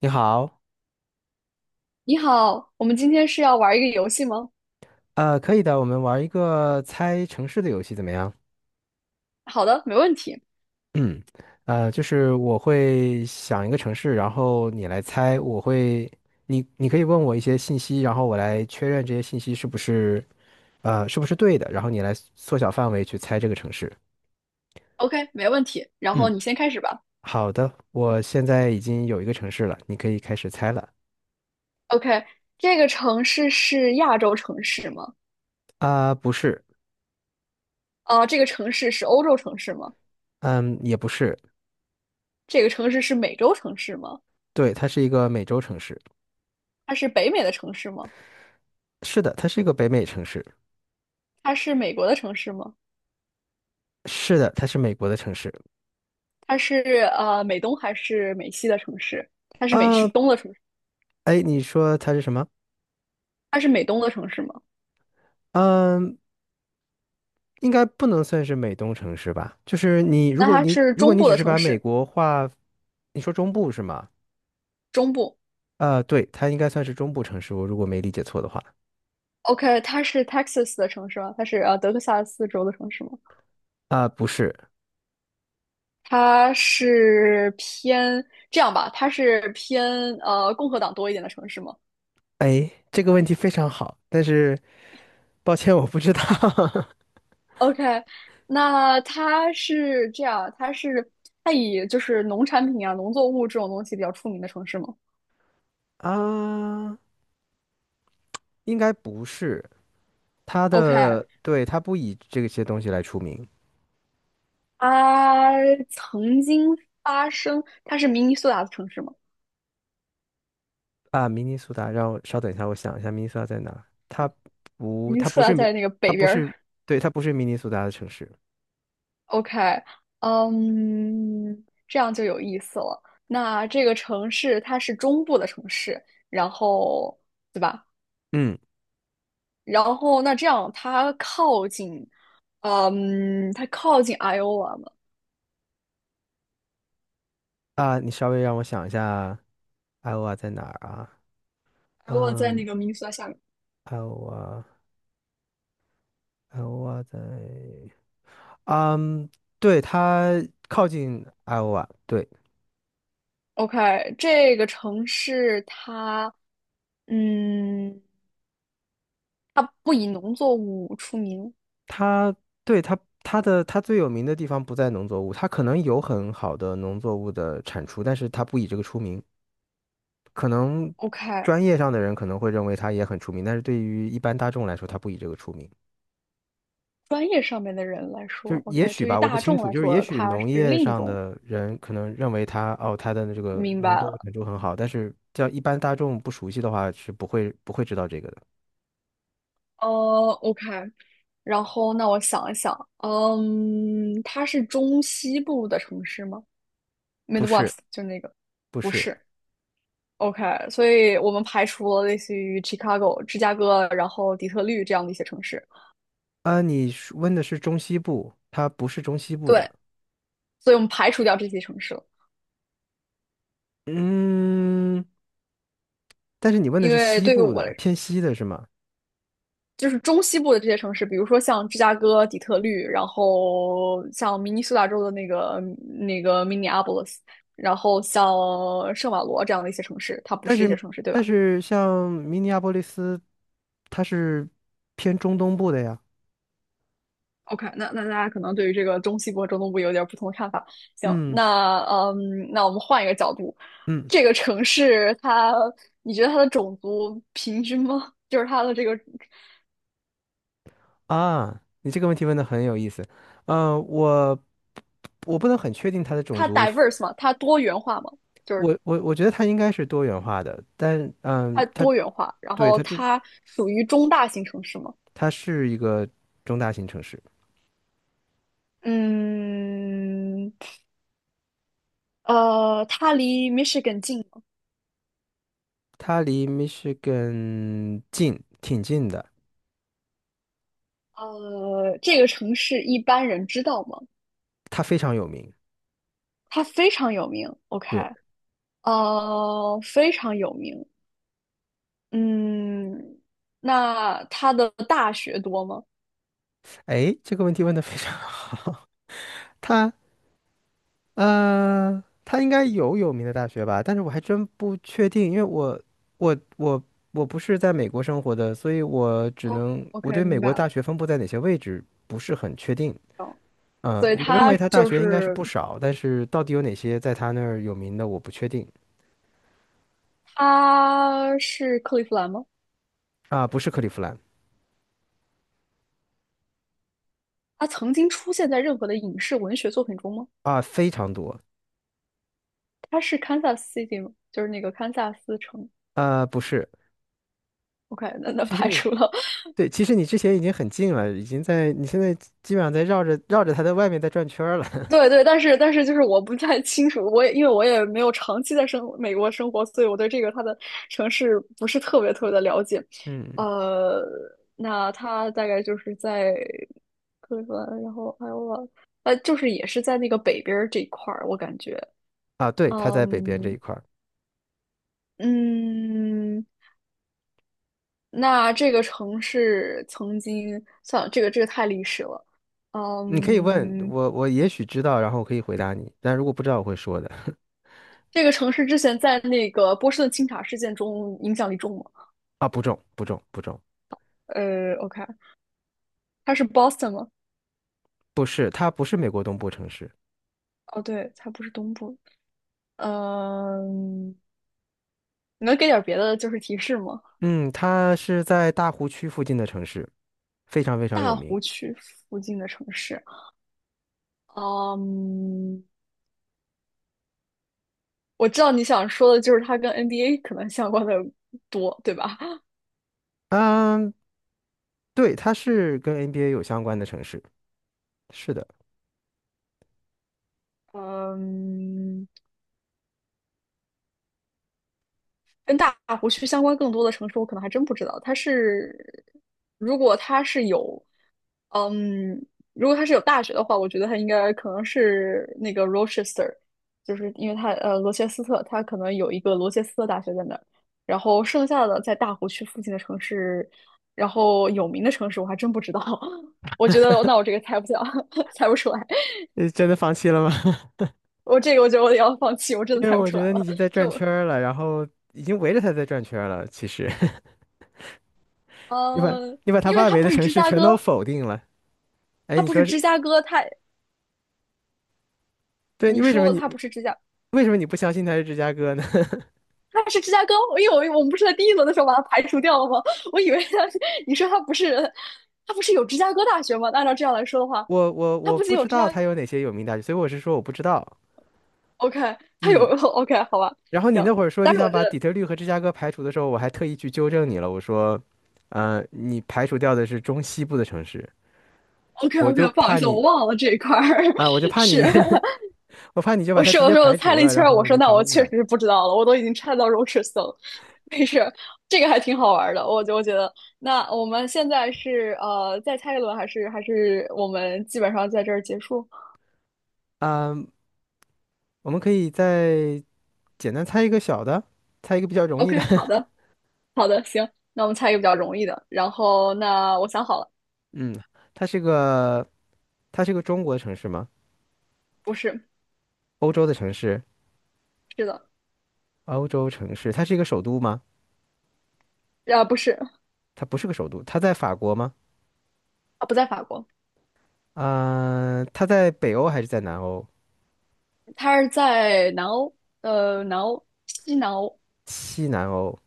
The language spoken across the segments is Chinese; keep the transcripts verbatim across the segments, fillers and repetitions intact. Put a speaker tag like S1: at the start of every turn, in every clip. S1: 你好。
S2: 你好，我们今天是要玩一个游戏吗？
S1: 呃，可以的，我们玩一个猜城市的游戏怎么样？
S2: 好的，没问题。
S1: 嗯 呃，就是我会想一个城市，然后你来猜，我会，你你可以问我一些信息，然后我来确认这些信息是不是，呃，是不是对的，然后你来缩小范围去猜这个城市。
S2: OK，没问题。然后
S1: 嗯，
S2: 你先开始吧。
S1: 好的，我现在已经有一个城市了，你可以开始猜了。
S2: OK，这个城市是亚洲城市吗？
S1: 啊、不是。
S2: 啊、这个城市是欧洲城市吗？
S1: 嗯，也不是。
S2: 这个城市是美洲城市吗？
S1: 对，它是一个美洲城市。
S2: 它是北美的城市吗？
S1: 是的，它是一个北美城市。
S2: 它是美国的城市吗？
S1: 是的，它是美国的城市。
S2: 它是呃美东还是美西的城市？它是美西
S1: 啊，
S2: 东的城市？
S1: 哎，你说它是什么？
S2: 它是美东的城市吗？
S1: 嗯，应该不能算是美东城市吧？就是你，如
S2: 那
S1: 果
S2: 它
S1: 你
S2: 是
S1: 如果
S2: 中
S1: 你
S2: 部
S1: 只
S2: 的
S1: 是
S2: 城
S1: 把美
S2: 市，
S1: 国划，你说中部是吗？
S2: 中部。
S1: 啊，对，它应该算是中部城市，我如果没理解错的话。
S2: OK,它是 Texas 的城市吗？它是呃德克萨斯州的城市吗？
S1: 啊，不是。
S2: 它是偏这样吧，它是偏呃共和党多一点的城市吗
S1: 哎，这个问题非常好，但是抱歉，我不知道。
S2: ？OK，那它是这样，它是它以就是农产品啊、农作物这种东西比较出名的城市吗
S1: 啊，应该不是，它
S2: ？OK，
S1: 的，对，它不以这些东西来出名。
S2: 它曾经发生，它是明尼苏达的城市吗？
S1: 啊，明尼苏达，让我稍等一下，我想一下，明尼苏达在哪？它不，
S2: 明尼
S1: 它
S2: 苏
S1: 不是
S2: 达
S1: 明，
S2: 在那个
S1: 它
S2: 北
S1: 不
S2: 边儿。
S1: 是，对，它不是明尼苏达的城市。
S2: OK，嗯，这样就有意思了。那这个城市它是中部的城市，然后对吧？
S1: 嗯，
S2: 然后那这样，它靠近，嗯，它靠近 Iowa 嘛
S1: 啊，你稍微让我想一下，艾欧瓦在哪儿啊？
S2: ？Iowa 在那
S1: 嗯，
S2: 个明尼苏达下面。
S1: 艾欧瓦，艾欧瓦在，嗯，对，它靠近艾欧瓦，对，
S2: OK，这个城市它，嗯，它不以农作物出名。
S1: 它，对，它，它的，它最有名的地方不在农作物，它可能有很好的农作物的产出，但是它不以这个出名。可能
S2: OK，
S1: 专业上的人可能会认为他也很出名，但是对于一般大众来说，他不以这个出名。
S2: 专业上面的人来
S1: 就是
S2: 说
S1: 也
S2: ，OK，
S1: 许
S2: 对于
S1: 吧，我不
S2: 大
S1: 清
S2: 众
S1: 楚。
S2: 来
S1: 就是也
S2: 说，
S1: 许
S2: 它
S1: 农
S2: 是
S1: 业
S2: 另一
S1: 上
S2: 种。
S1: 的人可能认为他哦，他的这个
S2: 明白
S1: 农作物
S2: 了，
S1: 产出很好，但是叫一般大众不熟悉的话，是不会不会知道这个的。
S2: 呃，OK，然后那我想一想，嗯，它是中西部的城市吗
S1: 不是，
S2: ？Midwest 就那个，
S1: 不
S2: 不
S1: 是
S2: 是。OK，所以我们排除了类似于 Chicago、芝加哥，然后底特律这样的一些城市。
S1: 啊，你是问的是中西部，它不是中西部的。
S2: 对，所以我们排除掉这些城市了，
S1: 嗯，但是你问的
S2: 因
S1: 是
S2: 为
S1: 西
S2: 对于
S1: 部
S2: 我来
S1: 的，
S2: 说，
S1: 偏西的是吗？
S2: 就是中西部的这些城市，比如说像芝加哥、底特律，然后像明尼苏达州的那个那个 Minneapolis，然后像圣保罗这样的一些城市，它不
S1: 但
S2: 是这些
S1: 是
S2: 城市，对
S1: 但
S2: 吧？
S1: 是像明尼阿波利斯，它是偏中东部的呀。
S2: OK，那那大家可能对于这个中西部和中东部有点不同的看法。行，
S1: 嗯。
S2: 那嗯，那我们换一个角度，
S1: 嗯。
S2: 这个城市它，你觉得它的种族平均吗？就是它的这个，
S1: 啊，你这个问题问的很有意思。嗯、我我不能很确定它的种
S2: 它
S1: 族，
S2: diverse 吗？它多元化吗？就是
S1: 我我我觉得它应该是多元化的，但嗯，
S2: 它
S1: 它
S2: 多元化，然
S1: 对，
S2: 后
S1: 它这，
S2: 它属于中大型城市吗？
S1: 它是一个中大型城市。
S2: 嗯，呃，它离 Michigan 近吗？
S1: 它离 Michigan 近，挺近的。
S2: 呃，这个城市一般人知道吗？
S1: 它非常有名。
S2: 它非常有名。OK。
S1: 对。
S2: 呃，非常有名。嗯，那他的大学多吗
S1: 哎，这个问题问的非常好。它，呃，他应该有有名的大学吧，但是我还真不确定，因为我我我我不是在美国生活的，所以我只能，我对
S2: ？OK，
S1: 美
S2: 明白
S1: 国大
S2: 了。
S1: 学分布在哪些位置不是很确定。呃，
S2: 所以
S1: 我认
S2: 他
S1: 为他大
S2: 就
S1: 学应该是
S2: 是
S1: 不少，但是到底有哪些在他那儿有名的，我不确定。
S2: 他是克利夫兰吗？
S1: 啊、不是克利夫兰。
S2: 他曾经出现在任何的影视文学作品中吗？
S1: 啊、非常多。
S2: 他是堪萨斯 City 吗？就是那个堪萨斯城。
S1: 啊、不是。
S2: OK，那那
S1: 其实
S2: 排
S1: 你，
S2: 除了。
S1: 对，其实你之前已经很近了，已经在你现在基本上在绕着绕着他的外面在转圈儿了。
S2: 对对，但是但是就是我不太清楚，我也因为我也没有长期在生美国生活，所以我对这个它的城市不是特别特别的了解。
S1: 嗯。
S2: 呃，那它大概就是在克利夫兰，然后还有我，呃，就是也是在那个北边儿这一块儿，我感觉，
S1: 啊，对，他在北边
S2: 嗯
S1: 这一块儿。
S2: 嗯，那这个城市曾经，算了，这个这个太历史了，
S1: 你可以问
S2: 嗯，
S1: 我，我也许知道，然后我可以回答你，但如果不知道，我会说的。
S2: 这个城市之前在那个波士顿清查事件中影响力重吗？
S1: 啊，不重，不重，不重。
S2: 呃，OK，它是 Boston 吗？
S1: 不是，它不是美国东部城市。
S2: 哦，对，它不是东部。嗯，你能给点儿别的就是提示吗？
S1: 嗯，它是在大湖区附近的城市，非常非常有
S2: 大
S1: 名。
S2: 湖区附近的城市。嗯，我知道你想说的就是它跟 N B A 可能相关的多，对吧？
S1: 嗯，对，它是跟 N B A 有相关的城市，是的。
S2: 嗯，跟大湖区相关更多的城市，我可能还真不知道。它是，如果它是有，嗯，如果它是有大学的话，我觉得它应该可能是那个 Rochester，就是因为它呃罗切斯特，它可能有一个罗切斯特大学在那儿。然后剩下的在大湖区附近的城市，然后有名的城市我还真不知道。我觉得那我这个猜不下，猜不出来。
S1: 你真的放弃了吗？
S2: 我这个我觉得我得要放弃，我 真
S1: 因
S2: 的
S1: 为
S2: 猜不
S1: 我
S2: 出
S1: 觉
S2: 来
S1: 得你已
S2: 了。
S1: 经在转
S2: 就
S1: 圈儿了，然后已经围着它在转圈儿了。其实 你把
S2: 呃，
S1: 你把它
S2: 因为
S1: 外
S2: 它
S1: 围
S2: 不
S1: 的
S2: 是
S1: 城
S2: 芝
S1: 市
S2: 加
S1: 全都
S2: 哥。
S1: 否定了。哎，
S2: 他
S1: 你
S2: 不是
S1: 说是，
S2: 芝加哥，他
S1: 对，你
S2: 你
S1: 为什么
S2: 说
S1: 你
S2: 他不是芝加，
S1: 为什么你不相信它是芝加哥呢？
S2: 他是芝加哥，因为我我们不是在第一轮的时候把他排除掉了吗？我以为他是，你说他不是，他不是有芝加哥大学吗？按照这样来说的话，
S1: 我我
S2: 他
S1: 我
S2: 不仅
S1: 不
S2: 有
S1: 知
S2: 芝加
S1: 道它有哪些有名大学，所以我是说我不知道。
S2: ，OK，他有
S1: 嗯，
S2: OK，好吧，
S1: 然后你
S2: 行，
S1: 那会儿说
S2: 但
S1: 你
S2: 是我
S1: 想
S2: 觉
S1: 把底
S2: 得
S1: 特律和芝加哥排除的时候，我还特意去纠正你了。我说，呃，你排除掉的是中西部的城市。
S2: OK
S1: 我就
S2: OK，不好意
S1: 怕
S2: 思，我
S1: 你，
S2: 忘了这一块儿
S1: 啊，我就 怕
S2: 是。
S1: 你，我怕你就把
S2: 我
S1: 它
S2: 是
S1: 直
S2: 我
S1: 接
S2: 说我
S1: 排
S2: 猜
S1: 除
S2: 了一
S1: 了，
S2: 圈
S1: 然后
S2: 我
S1: 我
S2: 说
S1: 就
S2: 那
S1: 成了
S2: 我
S1: 误
S2: 确
S1: 导。
S2: 实是不知道了，我都已经猜到荣氏森了。没事，这个还挺好玩的，我就我觉得。那我们现在是呃再猜一轮，还是还是我们基本上在这儿结束
S1: 嗯，我们可以再简单猜一个小的，猜一个比较容易的。
S2: ？OK，好 的，好的，行，那我们猜一个比较容易的。然后那我想好了，
S1: 嗯，它是个它是个中国城市吗？
S2: 不是，
S1: 欧洲的城市，
S2: 是的，
S1: 欧洲城市，它是一个首都吗？
S2: 啊不是，
S1: 它不是个首都，它在法国吗？
S2: 啊不在法国，
S1: 嗯、它在北欧还是在南欧？
S2: 他是在南欧，呃南欧，西南欧，
S1: 西南欧，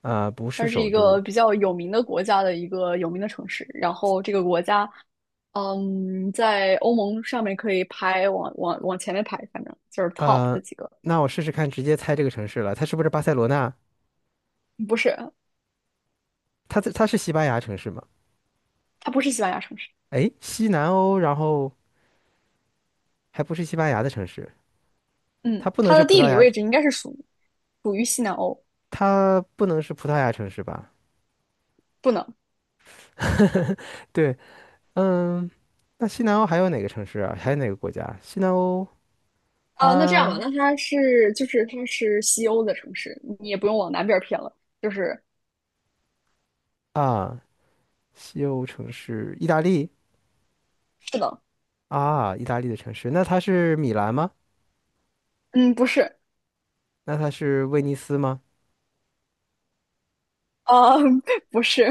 S1: 呃，不是
S2: 它是
S1: 首
S2: 一
S1: 都。
S2: 个比较有名的国家的一个有名的城市。然后这个国家，嗯，在欧盟上面可以排往往往前面排，反正就是 top
S1: 呃，
S2: 的几个。
S1: 那我试试看，直接猜这个城市了，它是不是巴塞罗那？
S2: 不是，
S1: 它在它是西班牙城市吗？
S2: 它不是西班牙城市。
S1: 哎，西南欧，然后还不是西班牙的城市，
S2: 嗯，
S1: 它不能
S2: 它
S1: 是
S2: 的
S1: 葡
S2: 地
S1: 萄
S2: 理
S1: 牙，
S2: 位置应该是属属于西南欧，
S1: 它不能是葡萄牙城市吧？
S2: 不能。
S1: 对。嗯，那西南欧还有哪个城市啊？还有哪个国家？西南欧。
S2: 啊，那这样吧，
S1: 啊。
S2: 那它是就是它是西欧的城市，你也不用往南边儿偏了，就是
S1: 啊，西欧城市，意大利。
S2: 是的，
S1: 啊，意大利的城市，那它是米兰吗？
S2: 嗯，不是，
S1: 那它是威尼斯吗？
S2: 啊，不是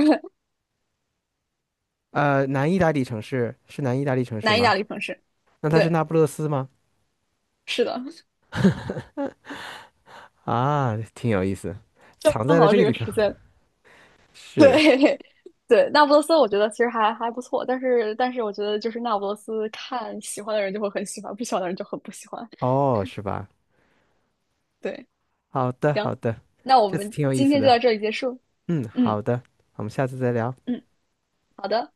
S1: 呃，南意大利城市是南意大利城 市
S2: 南意大
S1: 吗？
S2: 利城市，
S1: 那它是
S2: 对，
S1: 那不勒斯吗？
S2: 是的，
S1: 啊，挺有意思，
S2: 正
S1: 藏在了
S2: 好
S1: 这
S2: 这
S1: 个地
S2: 个
S1: 方。
S2: 时间
S1: 是。
S2: 对 对，那不勒斯我觉得其实还还不错，但是但是我觉得就是那不勒斯看喜欢的人就会很喜欢，不喜欢的人就很不喜欢。
S1: 哦，是吧？
S2: 对，
S1: 好的，
S2: 行，
S1: 好的。
S2: 那我
S1: 这次
S2: 们
S1: 挺有意
S2: 今
S1: 思
S2: 天就
S1: 的。
S2: 到这里结束。
S1: 嗯，
S2: 嗯
S1: 好的，我们下次再聊。
S2: 嗯，好的。